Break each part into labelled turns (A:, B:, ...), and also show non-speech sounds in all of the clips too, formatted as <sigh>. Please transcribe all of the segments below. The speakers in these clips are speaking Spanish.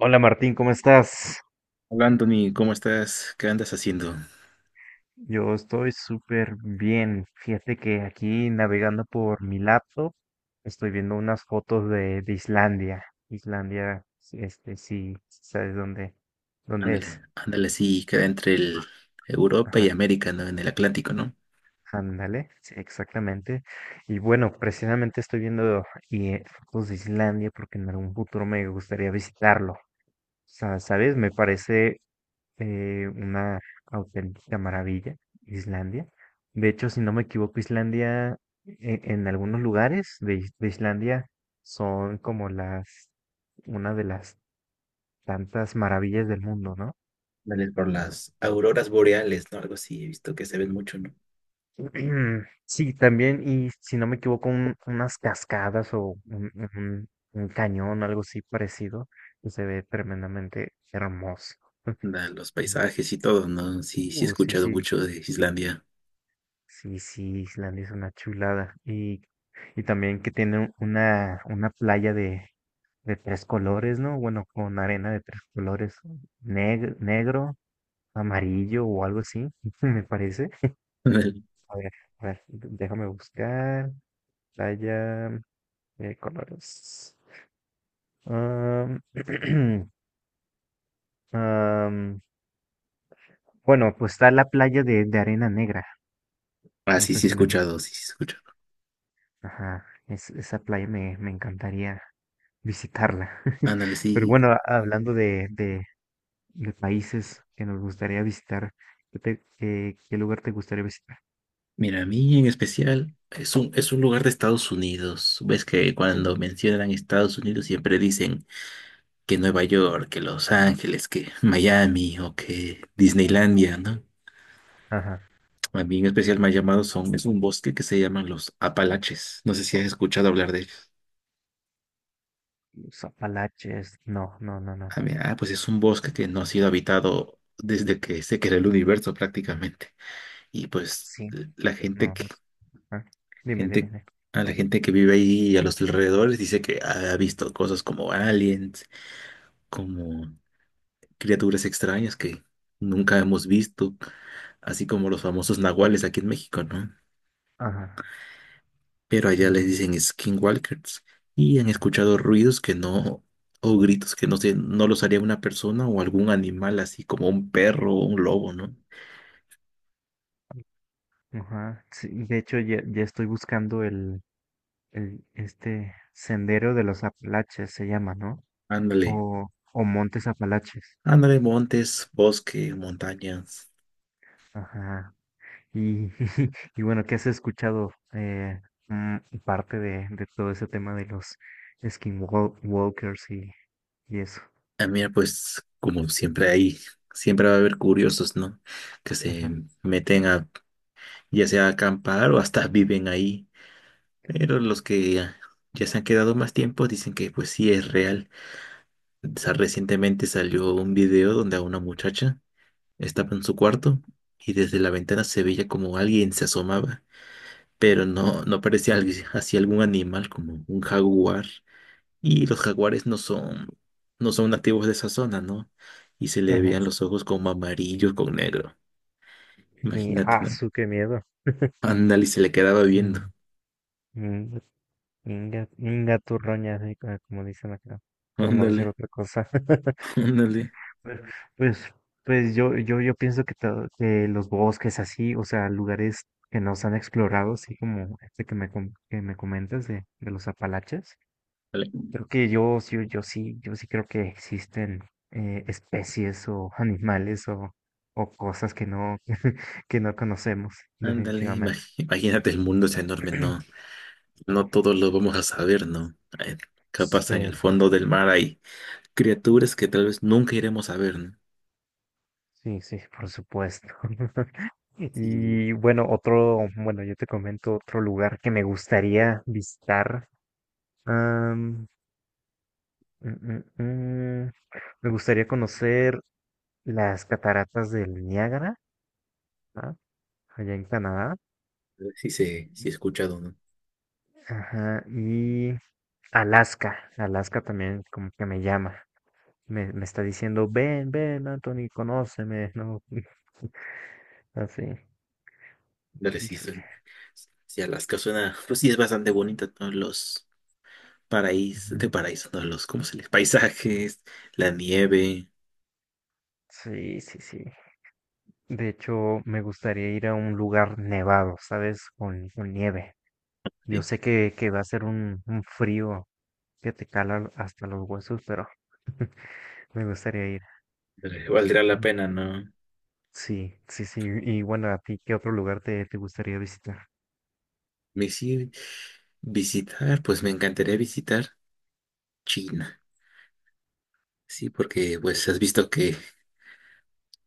A: Hola Martín, ¿cómo estás?
B: Hola Anthony, ¿cómo estás? ¿Qué andas haciendo?
A: Yo estoy súper bien. Fíjate que aquí navegando por mi laptop estoy viendo unas fotos de Islandia. Islandia, sí, sí, ¿sabes dónde
B: Ándale,
A: es?
B: ándale, sí, queda entre el Europa
A: Ajá,
B: y América, ¿no? En el Atlántico, ¿no?
A: ándale, sí, exactamente. Y bueno, precisamente estoy viendo y, eh, fotos de Islandia porque en algún futuro me gustaría visitarlo. ¿Sabes? Me parece una auténtica maravilla, Islandia. De hecho, si no me equivoco, Islandia, en, algunos lugares de Islandia son como una de las tantas maravillas del mundo, ¿no?
B: Ándale, por las auroras boreales, ¿no? Algo así, he visto que se ven mucho, ¿no?
A: <clears throat> Sí, también, y si no me equivoco, unas cascadas o un cañón, algo así parecido, que se ve tremendamente hermoso. <laughs>
B: Ándale, los paisajes y todo, ¿no? Sí, sí he
A: Sí,
B: escuchado
A: sí.
B: mucho de Islandia.
A: Sí, sí, Islandia es una chulada. Y también que tiene una playa de tres colores, ¿no? Bueno, con arena de tres colores, negro, amarillo o algo así, <laughs> me parece.
B: <laughs> Ándale.
A: A ver, a ver, déjame buscar. Playa de colores. Am, <clears throat> am, bueno, pues está la playa de arena negra.
B: Ah,
A: No
B: sí,
A: sé
B: sí he
A: si la.
B: escuchado, sí, sí he escuchado.
A: Ajá, esa playa me encantaría visitarla. <laughs>
B: Ándale,
A: Pero
B: sí.
A: bueno, hablando de países que nos gustaría visitar, ¿qué lugar te gustaría visitar?
B: Mira, a mí en especial es un lugar de Estados Unidos. Ves que cuando mencionan Estados Unidos siempre dicen que Nueva York, que Los Ángeles, que Miami o que Disneylandia, ¿no?
A: Ajá.
B: A mí en especial me ha llamado son, es un bosque que se llaman los Apalaches. No sé si has escuchado hablar de ellos.
A: Los Apalaches. No, no, no, no.
B: A mí, ah, pues es un bosque que no ha sido habitado desde que se creó el universo prácticamente. Y pues
A: Sí,
B: la gente
A: no,
B: que,
A: no sé. Ajá. Dime, dime,
B: gente,
A: dime.
B: a la gente que vive ahí y a los alrededores dice que ha visto cosas como aliens, como criaturas extrañas que nunca hemos visto, así como los famosos nahuales aquí en México, ¿no?
A: Ajá.
B: Pero allá
A: Mm,
B: les dicen skinwalkers y han escuchado ruidos que no, o gritos que no sé, no los haría una persona o algún animal así como un perro o un lobo, ¿no?
A: ajá. Sí, de hecho, ya, ya estoy buscando el este sendero de los Apalaches, se llama, ¿no?
B: Ándale,
A: O, o Montes Apalaches.
B: ándale, montes, bosque, montañas.
A: Ajá. Y, <laughs> y bueno, ¿qué has escuchado mm, parte de todo ese tema de los skinwalkers y eso?
B: Ah, mira, pues como siempre hay, siempre va a haber curiosos, ¿no? Que se
A: Ajá,
B: meten a, ya sea a acampar o hasta <laughs> viven ahí. Pero los que ya se han quedado más tiempo dicen que pues sí es real. Recientemente salió un video donde a una muchacha estaba en su cuarto y desde la ventana se veía como alguien se asomaba, pero no, no parecía alguien, así algún animal como un jaguar. Y los jaguares no son, no son nativos de esa zona, ¿no? Y se le
A: ajá.
B: veían los ojos como amarillos con negro. Imagínate, ¿no?
A: Qué miedo.
B: Ándale, y se le quedaba viendo.
A: Mm, mm, Inga, inga turroña, sí, como dicen acá, por no decir
B: Ándale,
A: otra cosa. <laughs>
B: <laughs> ándale,
A: Pues, pues, pues yo pienso que los bosques así, o sea, lugares que no se han explorado, así como este que que me comentas de los Apalaches,
B: ándale.
A: creo que yo sí creo que existen especies o <laughs> animales o cosas que no, <laughs> que no conocemos,
B: Ándale,
A: definitivamente.
B: imagínate el mundo es enorme, ¿no?
A: <clears throat>
B: No todos lo vamos a saber, ¿no? Capaz
A: Sí,
B: en el
A: sí,
B: fondo del mar hay criaturas que tal vez nunca iremos a ver, ¿no?
A: sí, sí, por supuesto. <laughs>
B: Sí,
A: Y bueno, bueno, yo te comento otro lugar que me gustaría visitar. Am, mm, mm, mm, me gustaría conocer las cataratas del Niágara, ¿ah? Allá en Canadá.
B: sí, sí he escuchado, ¿no?
A: Ajá, y Alaska, Alaska también como que me llama, me está diciendo, ven, ven, Anthony, conóceme, ¿no? <laughs> Así,
B: La resistencia.
A: híjole.
B: Sí, Alaska suena, pues sí es bastante bonita, ¿no? Los paraísos, de
A: Ujú.
B: paraíso, ¿no? Los, ¿cómo se les? Paisajes, la nieve,
A: Sí, sí, sí. De hecho, me gustaría ir a un lugar nevado, ¿sabes? Con nieve. Yo sé que va a ser un frío que te cala hasta los huesos, pero <laughs> me gustaría ir.
B: valdrá la pena, ¿no?
A: Sí, sí, sí. Y bueno, ¿a ti qué otro lugar te gustaría visitar?
B: Me sí, visitar, pues me encantaría visitar China, sí, porque pues has visto que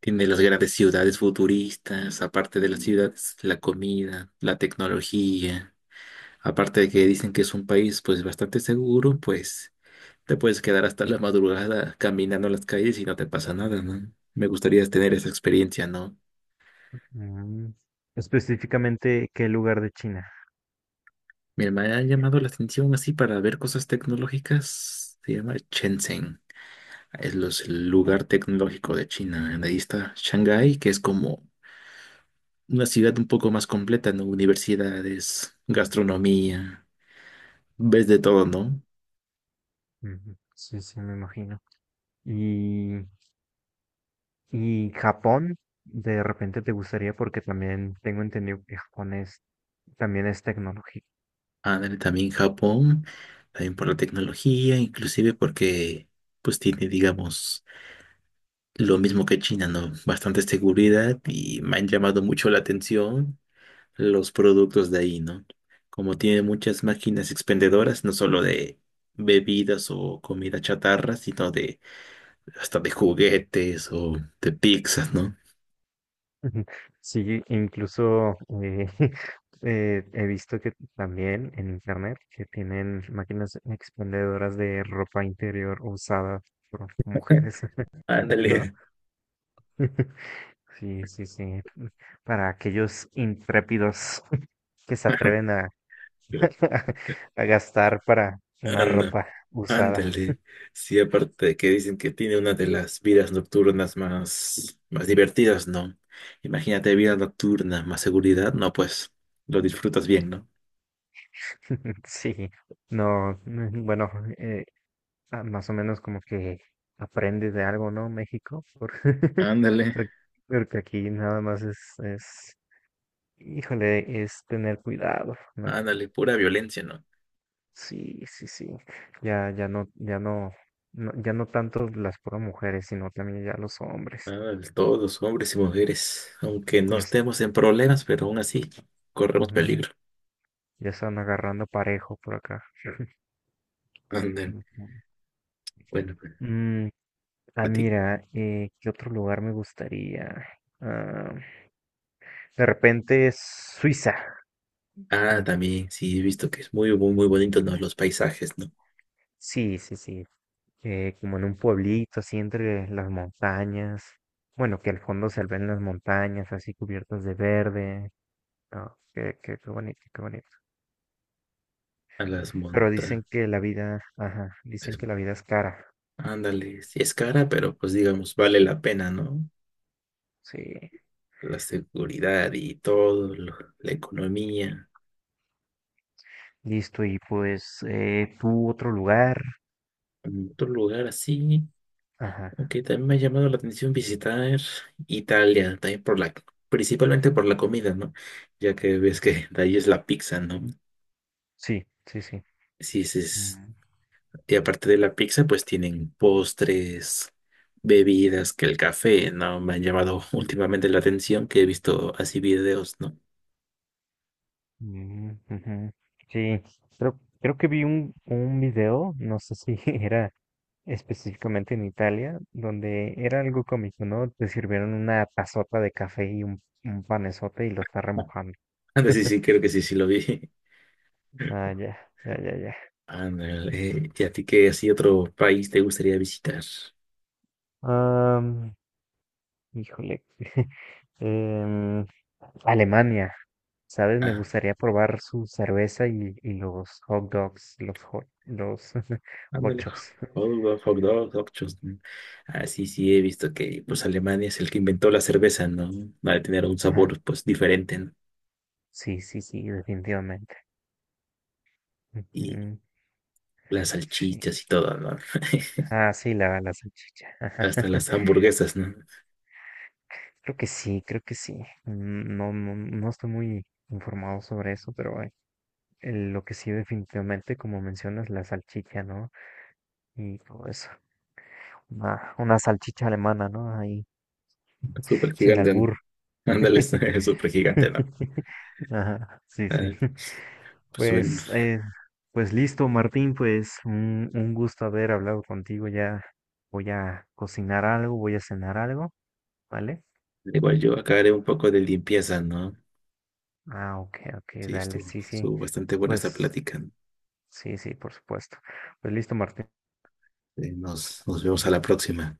B: tiene las grandes ciudades futuristas, aparte de las ciudades, la comida, la tecnología. Aparte de que dicen que es un país pues bastante seguro, pues te puedes quedar hasta la madrugada caminando las calles y no te pasa nada, ¿no? Me gustaría tener esa experiencia, ¿no?
A: Mm, Específicamente, ¿qué lugar de China?
B: Mira, me ha llamado la atención así para ver cosas tecnológicas. Se llama Shenzhen. Es los, el lugar tecnológico de China. Ahí está Shanghái, que es como una ciudad un poco más completa, ¿no? Universidades, gastronomía. Ves de todo, ¿no?
A: Ujú, sí, sí, me imagino. Y, y Japón, de repente te gustaría porque también tengo entendido que Japón también es tecnología.
B: Ándale, también Japón, también por la tecnología, inclusive porque pues tiene, digamos, lo mismo que China, ¿no? Bastante seguridad y me han llamado mucho la atención los productos de ahí, ¿no? Como tiene muchas máquinas expendedoras, no solo de bebidas o comida chatarra, sino de hasta de juguetes o de pizzas, ¿no?
A: <laughs> Sí, incluso <laughs> he visto que también en internet que tienen máquinas expendedoras de ropa interior usada por
B: <laughs>
A: mujeres, <laughs> ¿no?
B: Ándale.
A: <laughs> Sí, sí, sí. Para aquellos intrépidos <laughs> que se atreven a,
B: <laughs>
A: <laughs> a gastar para una
B: Anda,
A: ropa usada.
B: ándale. Sí, aparte de que dicen que tiene una de las vidas nocturnas más, más divertidas, ¿no? Imagínate vida nocturna, más seguridad, no, pues lo disfrutas bien, ¿no?
A: <laughs> Sí, no, bueno, eh, más o menos como que aprende de algo, ¿no? México, <laughs>
B: Ándale,
A: por- porque aquí nada más es, híjole, es tener cuidado, ¿no?
B: ándale, pura violencia, ¿no?
A: Sí, sí, sí. Ya, ya no, ya no, ya no tanto las puras mujeres, sino también ya los hombres.
B: Ándale, todos, hombres y mujeres, aunque no
A: Ya, es-
B: estemos en problemas, pero aún así corremos
A: Ujú,
B: peligro.
A: ya están agarrando parejo por acá. <laughs>
B: Ándale,
A: Ujú.
B: bueno, pues,
A: Mm,
B: a ti.
A: Mira, ¿qué otro lugar me gustaría? Ah, de repente Suiza.
B: Ah,
A: Mm,
B: también, sí, he visto que es muy, muy, muy bonito, ¿no? Los paisajes, ¿no?
A: Sí, sí, sí. Como en un pueblito, así entre las montañas. Bueno, que al fondo se ven las montañas, así cubiertas de verde. Ah, qué bonito, qué bonito.
B: A las
A: Pero dicen
B: montañas.
A: que la vida, ajá, dicen que la vida es cara.
B: Ándale, sí es cara, pero pues digamos, vale la pena, ¿no?
A: Sí,
B: La seguridad y todo, la economía.
A: listo. Y pues, tú otro lugar.
B: Mm, otro lugar así,
A: Ajá,
B: aunque también me ha llamado la atención visitar Italia, también por la, principalmente por la comida, ¿no? Ya que ves que de ahí es la pizza, ¿no?
A: sí, sí, sí.
B: Sí, sí, es,
A: Mm,
B: y aparte de la pizza, pues tienen postres, bebidas, que el café, ¿no? Me han llamado <laughs> últimamente la atención que he visto así videos, ¿no?
A: mm, ujú. Sí, creo que vi un video, no sé si <laughs> era específicamente en Italia, donde era algo cómico, ¿no? Te sirvieron una tazota de café y un panesote y lo está
B: Ah,
A: remojando.
B: anda, sí, sí,
A: <laughs>
B: creo que sí, sí lo vi.
A: Ah, ya, ya, ya, ya.
B: Ándale. ¿Y a ti qué así otro país te gustaría visitar?
A: Am, Híjole. <laughs> em, Alemania, ¿sabes? Me
B: Ah,
A: gustaría probar su cerveza y los hot dogs, los <laughs>
B: ándale.
A: hochos.
B: Hot dog, hot dog, hot shoes. Ah, sí, sí, he visto que pues Alemania es el que inventó la cerveza, ¿no? Va a tener un
A: Ajá,
B: sabor pues diferente, ¿no?
A: sí, sí, sí, definitivamente.
B: Y
A: Ujú,
B: las
A: sí.
B: salchichas y todo, ¿no? <laughs>
A: Ah, sí, la salchicha, ajá.
B: Hasta
A: <laughs>
B: las hamburguesas, ¿no?
A: Creo que sí, creo que sí. Mm, no, no, no estoy muy informado sobre eso, pero lo que sí definitivamente, como mencionas, la salchicha, ¿no? Y todo eso. Una salchicha alemana, ¿no?
B: Súper
A: Sin
B: gigante, ¿no?
A: albur. <laughs>
B: Ándale, <laughs> súper gigante, ¿no?
A: Ajá, sí,
B: Ah,
A: sí.
B: pues, pues bueno,
A: Pues, pues listo, Martín, pues un gusto haber hablado contigo. Ya voy a cocinar algo, voy a cenar algo, ¿vale?
B: igual yo acá haré un poco de limpieza, ¿no?
A: Ah, ok, ok,
B: Sí,
A: dale,
B: estuvo,
A: sí, sí.
B: estuvo bastante buena esta
A: Pues
B: plática.
A: sí, sí, por supuesto. Pues listo, Martín.
B: Nos vemos a la próxima.